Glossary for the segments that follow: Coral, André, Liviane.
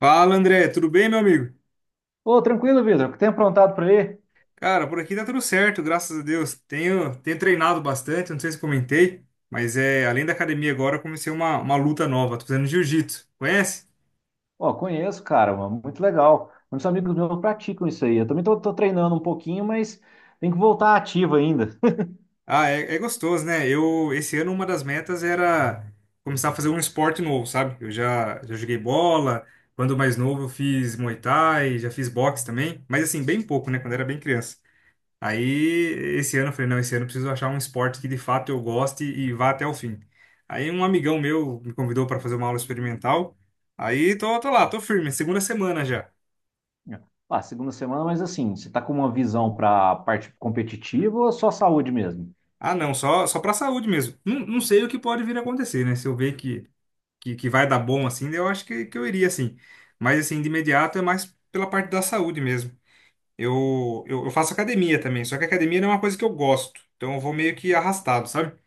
Fala, André, tudo bem, meu amigo? Ô, tranquilo, Vitor. O que tem aprontado por aí? Cara, por aqui tá tudo certo, graças a Deus. Tenho treinado bastante, não sei se comentei, mas é, além da academia agora, eu comecei uma luta nova, tô fazendo jiu-jitsu. Conhece? Ó, conheço, cara, mano, muito legal. Muitos amigos meus praticam isso aí. Eu também tô treinando um pouquinho, mas tem que voltar ativo ainda. Ah, é, é gostoso, né? Eu, esse ano, uma das metas era começar a fazer um esporte novo, sabe? Eu já joguei bola, quando mais novo eu fiz Muay Thai, já fiz boxe também, mas assim, bem pouco, né? Quando era bem criança. Aí, esse ano eu falei, não, esse ano eu preciso achar um esporte que de fato eu goste e vá até o fim. Aí um amigão meu me convidou para fazer uma aula experimental. Aí tô lá, tô firme, segunda semana já. Ah, segunda semana, mas assim, você tá com uma visão pra parte competitiva ou só saúde mesmo? Ah, não, só para saúde mesmo. Não, não sei o que pode vir a acontecer, né? Se eu ver que que vai dar bom assim, eu acho que eu iria assim. Mas assim, de imediato é mais pela parte da saúde mesmo. Eu faço academia também, só que academia não é uma coisa que eu gosto. Então eu vou meio que arrastado, sabe?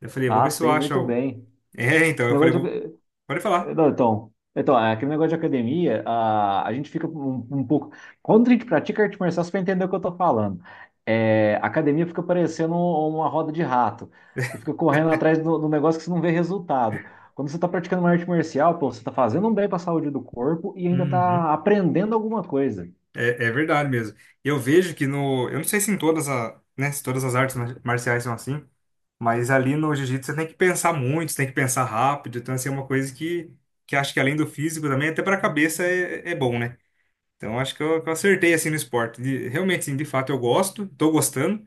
Eu falei, vou Ah, ver se eu sei acho muito algo. bem. É, então, Esse eu falei, negócio vou. de- Pode É, falar. não, então, é, aquele negócio de academia, a gente fica um pouco. Quando a gente pratica arte marcial, você vai entender o que eu tô falando. É, a academia fica parecendo uma roda de rato. Você fica correndo atrás do negócio que você não vê resultado. Quando você está praticando uma arte marcial, pô, você está fazendo um bem para a saúde do corpo e ainda Uhum. está aprendendo alguma coisa. É, é verdade mesmo. Eu vejo que no. Eu não sei se em todas, a, né, se todas as artes marciais são assim, mas ali no jiu-jitsu você tem que pensar muito, você tem que pensar rápido. Então, assim, é uma coisa que acho que além do físico também, até para a cabeça é, é bom, né? Então, acho que eu acertei assim no esporte. Realmente, assim, de fato eu gosto, tô gostando.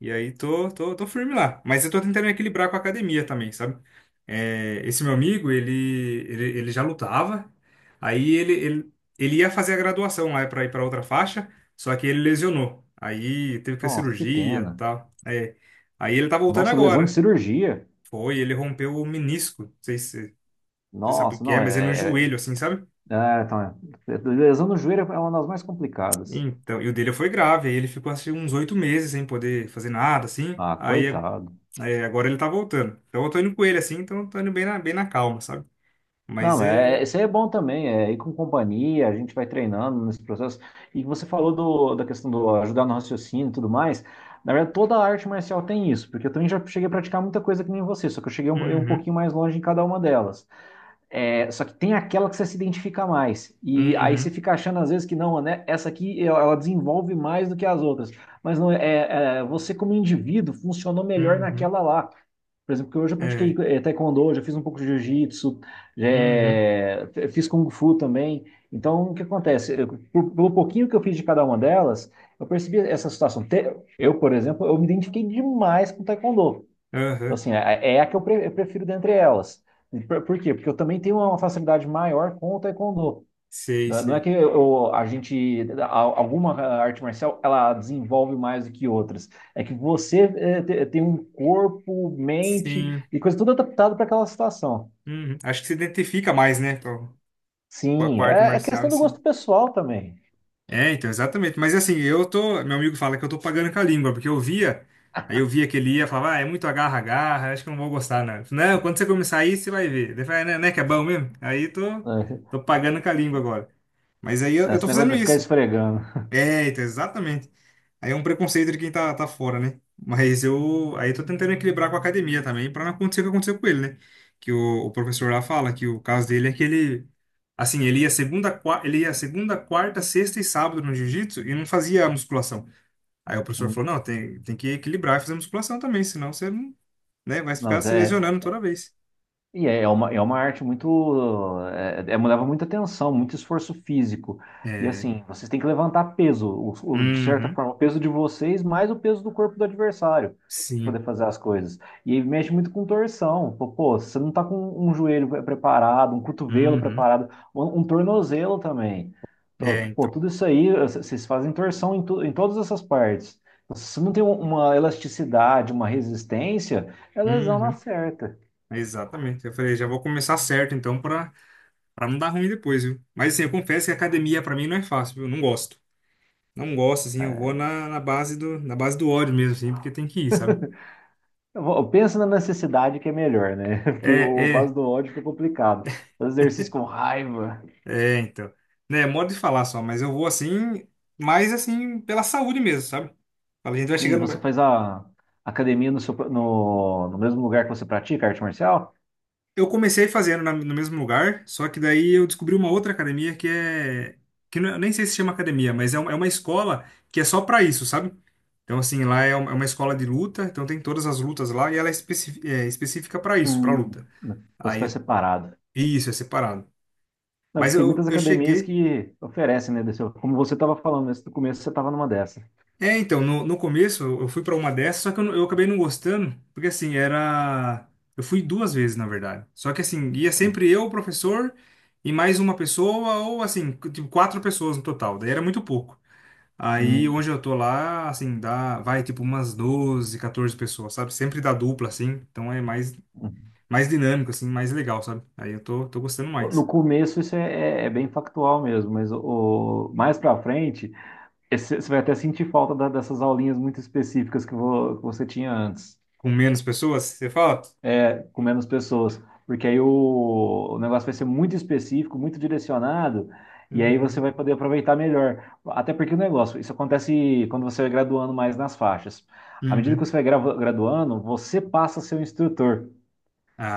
E aí tô firme lá. Mas eu tô tentando equilibrar com a academia também, sabe? É, esse meu amigo, ele já lutava, aí ele ia fazer a graduação lá pra ir pra outra faixa, só que ele lesionou. Aí teve que ter Nossa, que cirurgia e pena. tal. É, aí ele tá voltando Nossa, lesão de agora. cirurgia. Foi, ele rompeu o menisco. Não sei se você sabe o Nossa, que não, é, mas é no joelho, assim, sabe? Então, lesão no joelho é uma das mais complicadas. Então, e o dele foi grave, aí ele ficou assim uns 8 meses sem poder fazer nada, assim. Ah, Aí coitado. é, agora ele tá voltando. Então eu tô indo com ele assim, então eu tô indo bem na calma, sabe? Mas Não, é. isso aí é bom também, é ir com companhia, a gente vai treinando nesse processo. E você falou da questão do ajudar no raciocínio e tudo mais. Na verdade, toda a arte marcial tem isso, porque eu também já cheguei a praticar muita coisa que nem você, só que eu cheguei um, eu um Uhum, pouquinho mais longe em cada uma delas. É, só que tem aquela que você se identifica mais. E aí você uhum, fica achando às vezes que não, né? Essa aqui ela desenvolve mais do que as outras. Mas não é, você como indivíduo funcionou melhor uhum, naquela lá. Por exemplo, que hoje eu pratiquei é, taekwondo, já fiz um pouco de jiu-jitsu, uhum, fiz kung fu também. Então, o que acontece? Eu, pelo pouquinho que eu fiz de cada uma delas, eu percebi essa situação. Eu, por exemplo, eu me identifiquei demais com taekwondo. Então, aham, assim, é a que eu prefiro dentre elas. E por quê? Porque eu também tenho uma facilidade maior com o taekwondo. sei, Né? Não é sei. que a gente, alguma arte marcial, ela desenvolve mais do que outras. É que você tem um corpo, mente Sim, e coisa tudo adaptado para aquela situação. uhum. Acho que se identifica mais, né, com com a Sim, com a arte é marcial em questão do si. gosto pessoal também. É, então, exatamente. Mas assim, eu tô. Meu amigo fala que eu tô pagando com a língua, porque eu via. Aí eu via que ele ia, falava, ah, é muito agarra-agarra, acho que eu não vou gostar, não. Eu falei, não, quando você começar aí, você vai ver. Ele fala, né, que é bom mesmo? Aí tô, Né? tô pagando com a língua agora. Mas aí eu Esse tô negócio fazendo de ficar isso. esfregando. É, então, exatamente. Aí é um preconceito de quem tá fora, né? Mas eu. Aí eu tô tentando equilibrar com a academia também, pra não acontecer o que aconteceu com ele, né? Que o professor lá fala que o caso dele é que ele. Assim, ele ia segunda, quarta, sexta e sábado no jiu-jitsu e não fazia musculação. Aí o professor Não, falou: não, tem que equilibrar e fazer musculação também, senão você não, né, vai ficar mas se lesionando toda vez. É uma arte muito. É, leva muita atenção, muito esforço físico. E É. assim, vocês têm que levantar peso, de certa Uhum. forma, o peso de vocês mais o peso do corpo do adversário, para Sim. poder fazer as coisas. E mexe muito com torção. Pô, você não tá com um joelho preparado, um cotovelo Uhum. preparado, um tornozelo também. É, Pô, então. tudo isso aí, vocês fazem torção em todas essas partes. Se você não tem uma elasticidade, uma resistência, é lesão na Uhum. certa. Exatamente. Eu falei, já vou começar certo, então, para Pra não dar ruim depois, viu? Mas assim, eu confesso que academia pra mim não é fácil, viu? Eu não gosto. Não gosto, assim, eu vou na, na base do ódio mesmo, assim, porque tem que ir, sabe? Eu penso na necessidade que é melhor, né? Porque É, o base é, do ódio fica complicado. Faz exercício com raiva. é, então. Né, é modo de falar só, mas eu vou assim, mais assim, pela saúde mesmo, sabe? Fala, a gente vai E chegando. você faz a academia no, seu, no, no mesmo lugar que você pratica arte marcial? Eu comecei fazendo no mesmo lugar, só que daí eu descobri uma outra academia que é. Que não- Eu nem sei se chama academia, mas é uma escola que é só pra isso, sabe? Então, assim, lá é uma escola de luta, então tem todas as lutas lá e ela é, é específica pra isso, pra Hum. luta. Então você faz Aí, separado. isso, é separado. Não, Mas porque tem muitas eu academias cheguei. que oferecem, né? Desse, como você estava falando, nesse, no começo você estava numa dessa. É, então, no, no começo eu fui pra uma dessas, só que eu, eu acabei não gostando, porque assim, era. Eu fui duas vezes, na verdade. Só que assim, ia Hum, sempre eu, o professor, e mais uma pessoa, ou assim, tipo, quatro pessoas no total, daí era muito pouco. Aí hum. onde eu tô lá, assim, dá, vai tipo umas 12 14 pessoas, sabe? Sempre dá dupla, assim, então é mais, Hum. mais dinâmico, assim, mais legal, sabe? Aí eu tô, tô gostando No mais. começo isso é bem factual mesmo, mas mais para frente você vai até sentir falta dessas aulinhas muito específicas que que você tinha antes. Com menos pessoas, você fala? É, com menos pessoas, porque aí o negócio vai ser muito específico, muito direcionado, e aí você Uhum. vai poder aproveitar melhor. Até porque o negócio, isso acontece quando você vai graduando mais nas faixas. À medida que Uhum. você vai graduando, você passa a ser um instrutor.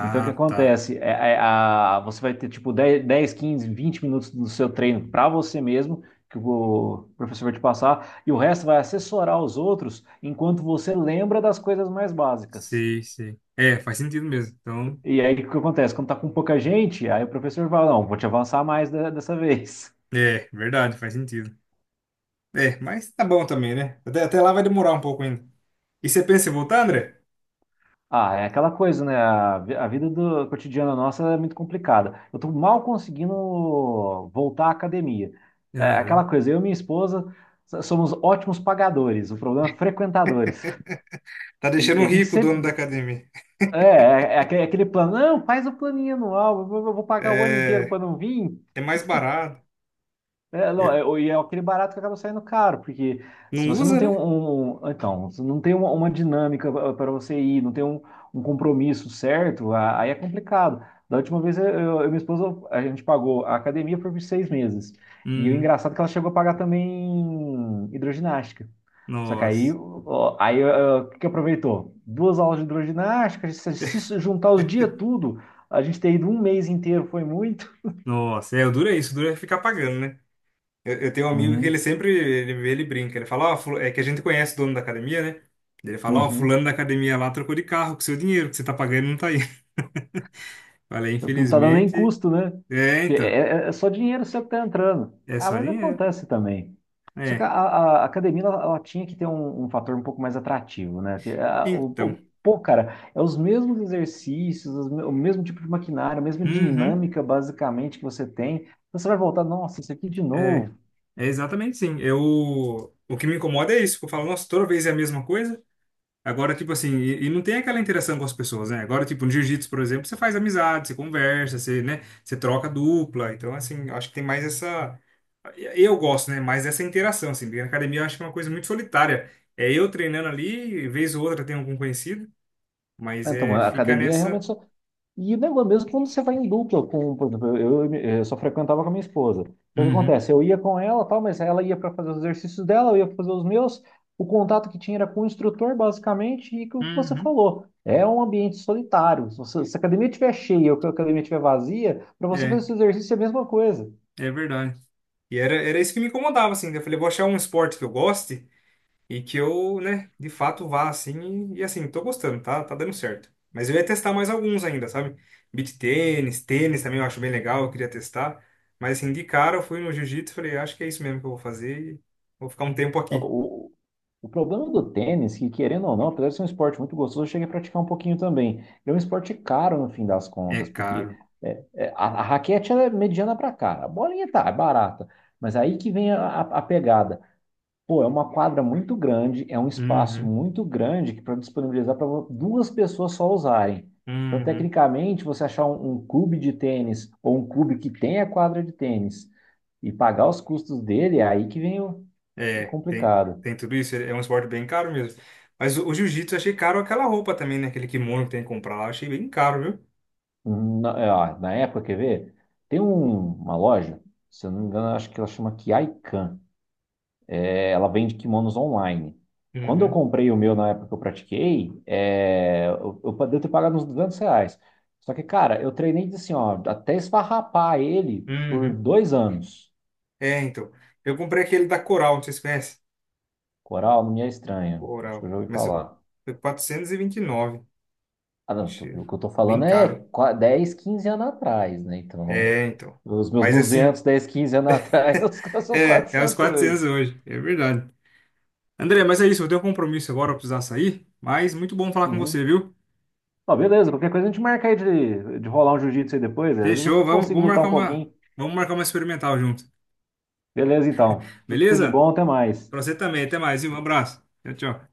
Então, o que tá. acontece? Você vai ter tipo 10, 10, 15, 20 minutos do seu treino para você mesmo, que o professor vai te passar, e o resto vai assessorar os outros enquanto você lembra das coisas mais básicas. Sei, sei. É, faz sentido mesmo. Então, E aí, o que acontece? Quando tá com pouca gente, aí o professor fala, não, vou te avançar mais dessa vez. é, verdade, faz sentido. É, mas tá bom também, né? Até lá vai demorar um pouco ainda. E você pensa em voltar, André? Ah, é aquela coisa, né? A vida cotidiana nossa é muito complicada. Eu tô mal conseguindo voltar à academia. É aquela Aham. coisa, eu e minha esposa somos ótimos pagadores, o problema é frequentadores. Tá deixando E um a gente rico o dono da sempre... academia. É, aquele plano, não, faz o planinho anual, eu vou pagar o ano inteiro É, para não vir. é mais barato. É, não, É, é, e é aquele barato que acaba saindo caro, porque se não você não usa, tem né? Então, se não tem uma dinâmica para você ir, não tem um compromisso certo, aí é complicado. Da última vez eu e minha esposa, a gente pagou a academia por 6 meses. E o Uhum. engraçado é que ela chegou a pagar também hidroginástica. Só que aí, Nossa. ó, aí ó, o que que aproveitou? Duas aulas de hidroginástica, se juntar os dias tudo, a gente ter ido um mês inteiro foi muito. Nossa, é, o duro é isso, o duro é ficar pagando, né? Eu tenho um amigo que ele Uhum, sempre ele brinca. Ele fala, ó, é que a gente conhece o dono da academia, né? Ele fala, ó, uhum. fulano da academia lá trocou de carro com seu dinheiro, que você tá pagando não tá aí. Falei, Porque não tá dando nem infelizmente. custo, né? É, Porque então. É só dinheiro seu que tá entrando. É Ah, só mas dinheiro. acontece também. Só que a, É. a- a academia, ela tinha que ter um fator um pouco mais atrativo, né? Que, Então. Pô, cara, é os mesmos exercícios, o mesmo tipo de maquinário, a mesma Uhum. dinâmica, basicamente, que você tem. Você vai voltar, nossa, isso aqui de É. novo. É exatamente sim. Eu. O que me incomoda é isso. Que eu falo, nossa, toda vez é a mesma coisa. Agora, tipo assim, e não tem aquela interação com as pessoas, né? Agora, tipo, no jiu-jitsu, por exemplo, você faz amizade, você conversa, você, né? Você troca dupla. Então, assim, eu acho que tem mais essa. Eu gosto, né? Mais dessa interação, assim. Porque na academia eu acho que é uma coisa muito solitária. É eu treinando ali, vez ou outra tem algum conhecido, mas Né? Então, é, a fica academia é nessa. realmente só... E o negócio, mesmo é quando você vai em dupla, com, por exemplo, eu só frequentava com a minha esposa. Então, o que Uhum, acontece? Eu ia com ela, tal, mas ela ia para fazer os exercícios dela, eu ia pra fazer os meus. O contato que tinha era com o instrutor, basicamente, e com o que você uhum. falou. É um ambiente solitário. Se a academia estiver cheia ou que a academia estiver vazia, para você fazer É, esse exercício é a mesma coisa. é verdade. E era isso que me incomodava, assim, né? Eu falei, vou achar um esporte que eu goste. E que eu, né, de fato vá assim. E assim, tô gostando, tá, dando certo. Mas eu ia testar mais alguns ainda, sabe? Beach tênis, tênis também eu acho bem legal, eu queria testar. Mas assim, de cara eu fui no jiu-jitsu e falei, acho que é isso mesmo que eu vou fazer e vou ficar um tempo aqui. O problema do tênis, que querendo ou não, apesar de ser um esporte muito gostoso, eu cheguei a praticar um pouquinho também. É um esporte caro no fim das É contas, porque caro. a raquete ela é mediana para cá, a bolinha tá, é barata. Mas aí que vem a pegada. Pô, é uma quadra muito grande, é um espaço Uhum, muito grande que para disponibilizar para duas pessoas só usarem. Então, uhum. tecnicamente, você achar um clube de tênis ou um clube que tenha quadra de tênis e pagar os custos dele, é aí que vem o É, tem, complicado. tem tudo isso. É um esporte bem caro mesmo. Mas o jiu-jitsu eu achei caro aquela roupa também, né? Aquele kimono que tem que comprar lá. Eu achei bem caro, viu? Na época, quer ver? Tem uma loja, se eu não me engano, acho que ela chama Kiaikan. É, ela vende kimonos online. Quando eu Uhum, comprei o meu na época que eu pratiquei, eu devo ter pago uns R$ 200. Só que, cara, eu treinei assim, ó, até esfarrapar ele por uhum. 2 anos. É, então. Eu comprei aquele da Coral, não sei se você conhece. Coral não me é estranho. Acho que eu Oral. já ouvi Mas falar. foi 429. Ah, não, o Achei o que eu tô bem falando é caro. 10, 15 anos atrás, né? Então, É, então. os meus Mas assim, 200 10 15 anos atrás, os seus é, é os 400 400 hoje. hoje. É verdade. André, mas é isso. Eu tenho um compromisso agora, eu precisar sair. Mas muito bom falar com você, Uhum. viu? Ó, beleza, qualquer coisa a gente marca aí de rolar um jiu-jitsu aí depois. Né? Às vezes eu Fechou. Vamos, consigo vamos lutar marcar um uma, pouquinho. vamos marcar uma experimental junto. Beleza, então. Tudo, tudo de Beleza? bom, até mais. Pra você também. Até mais, viu? Um abraço. Tchau, tchau.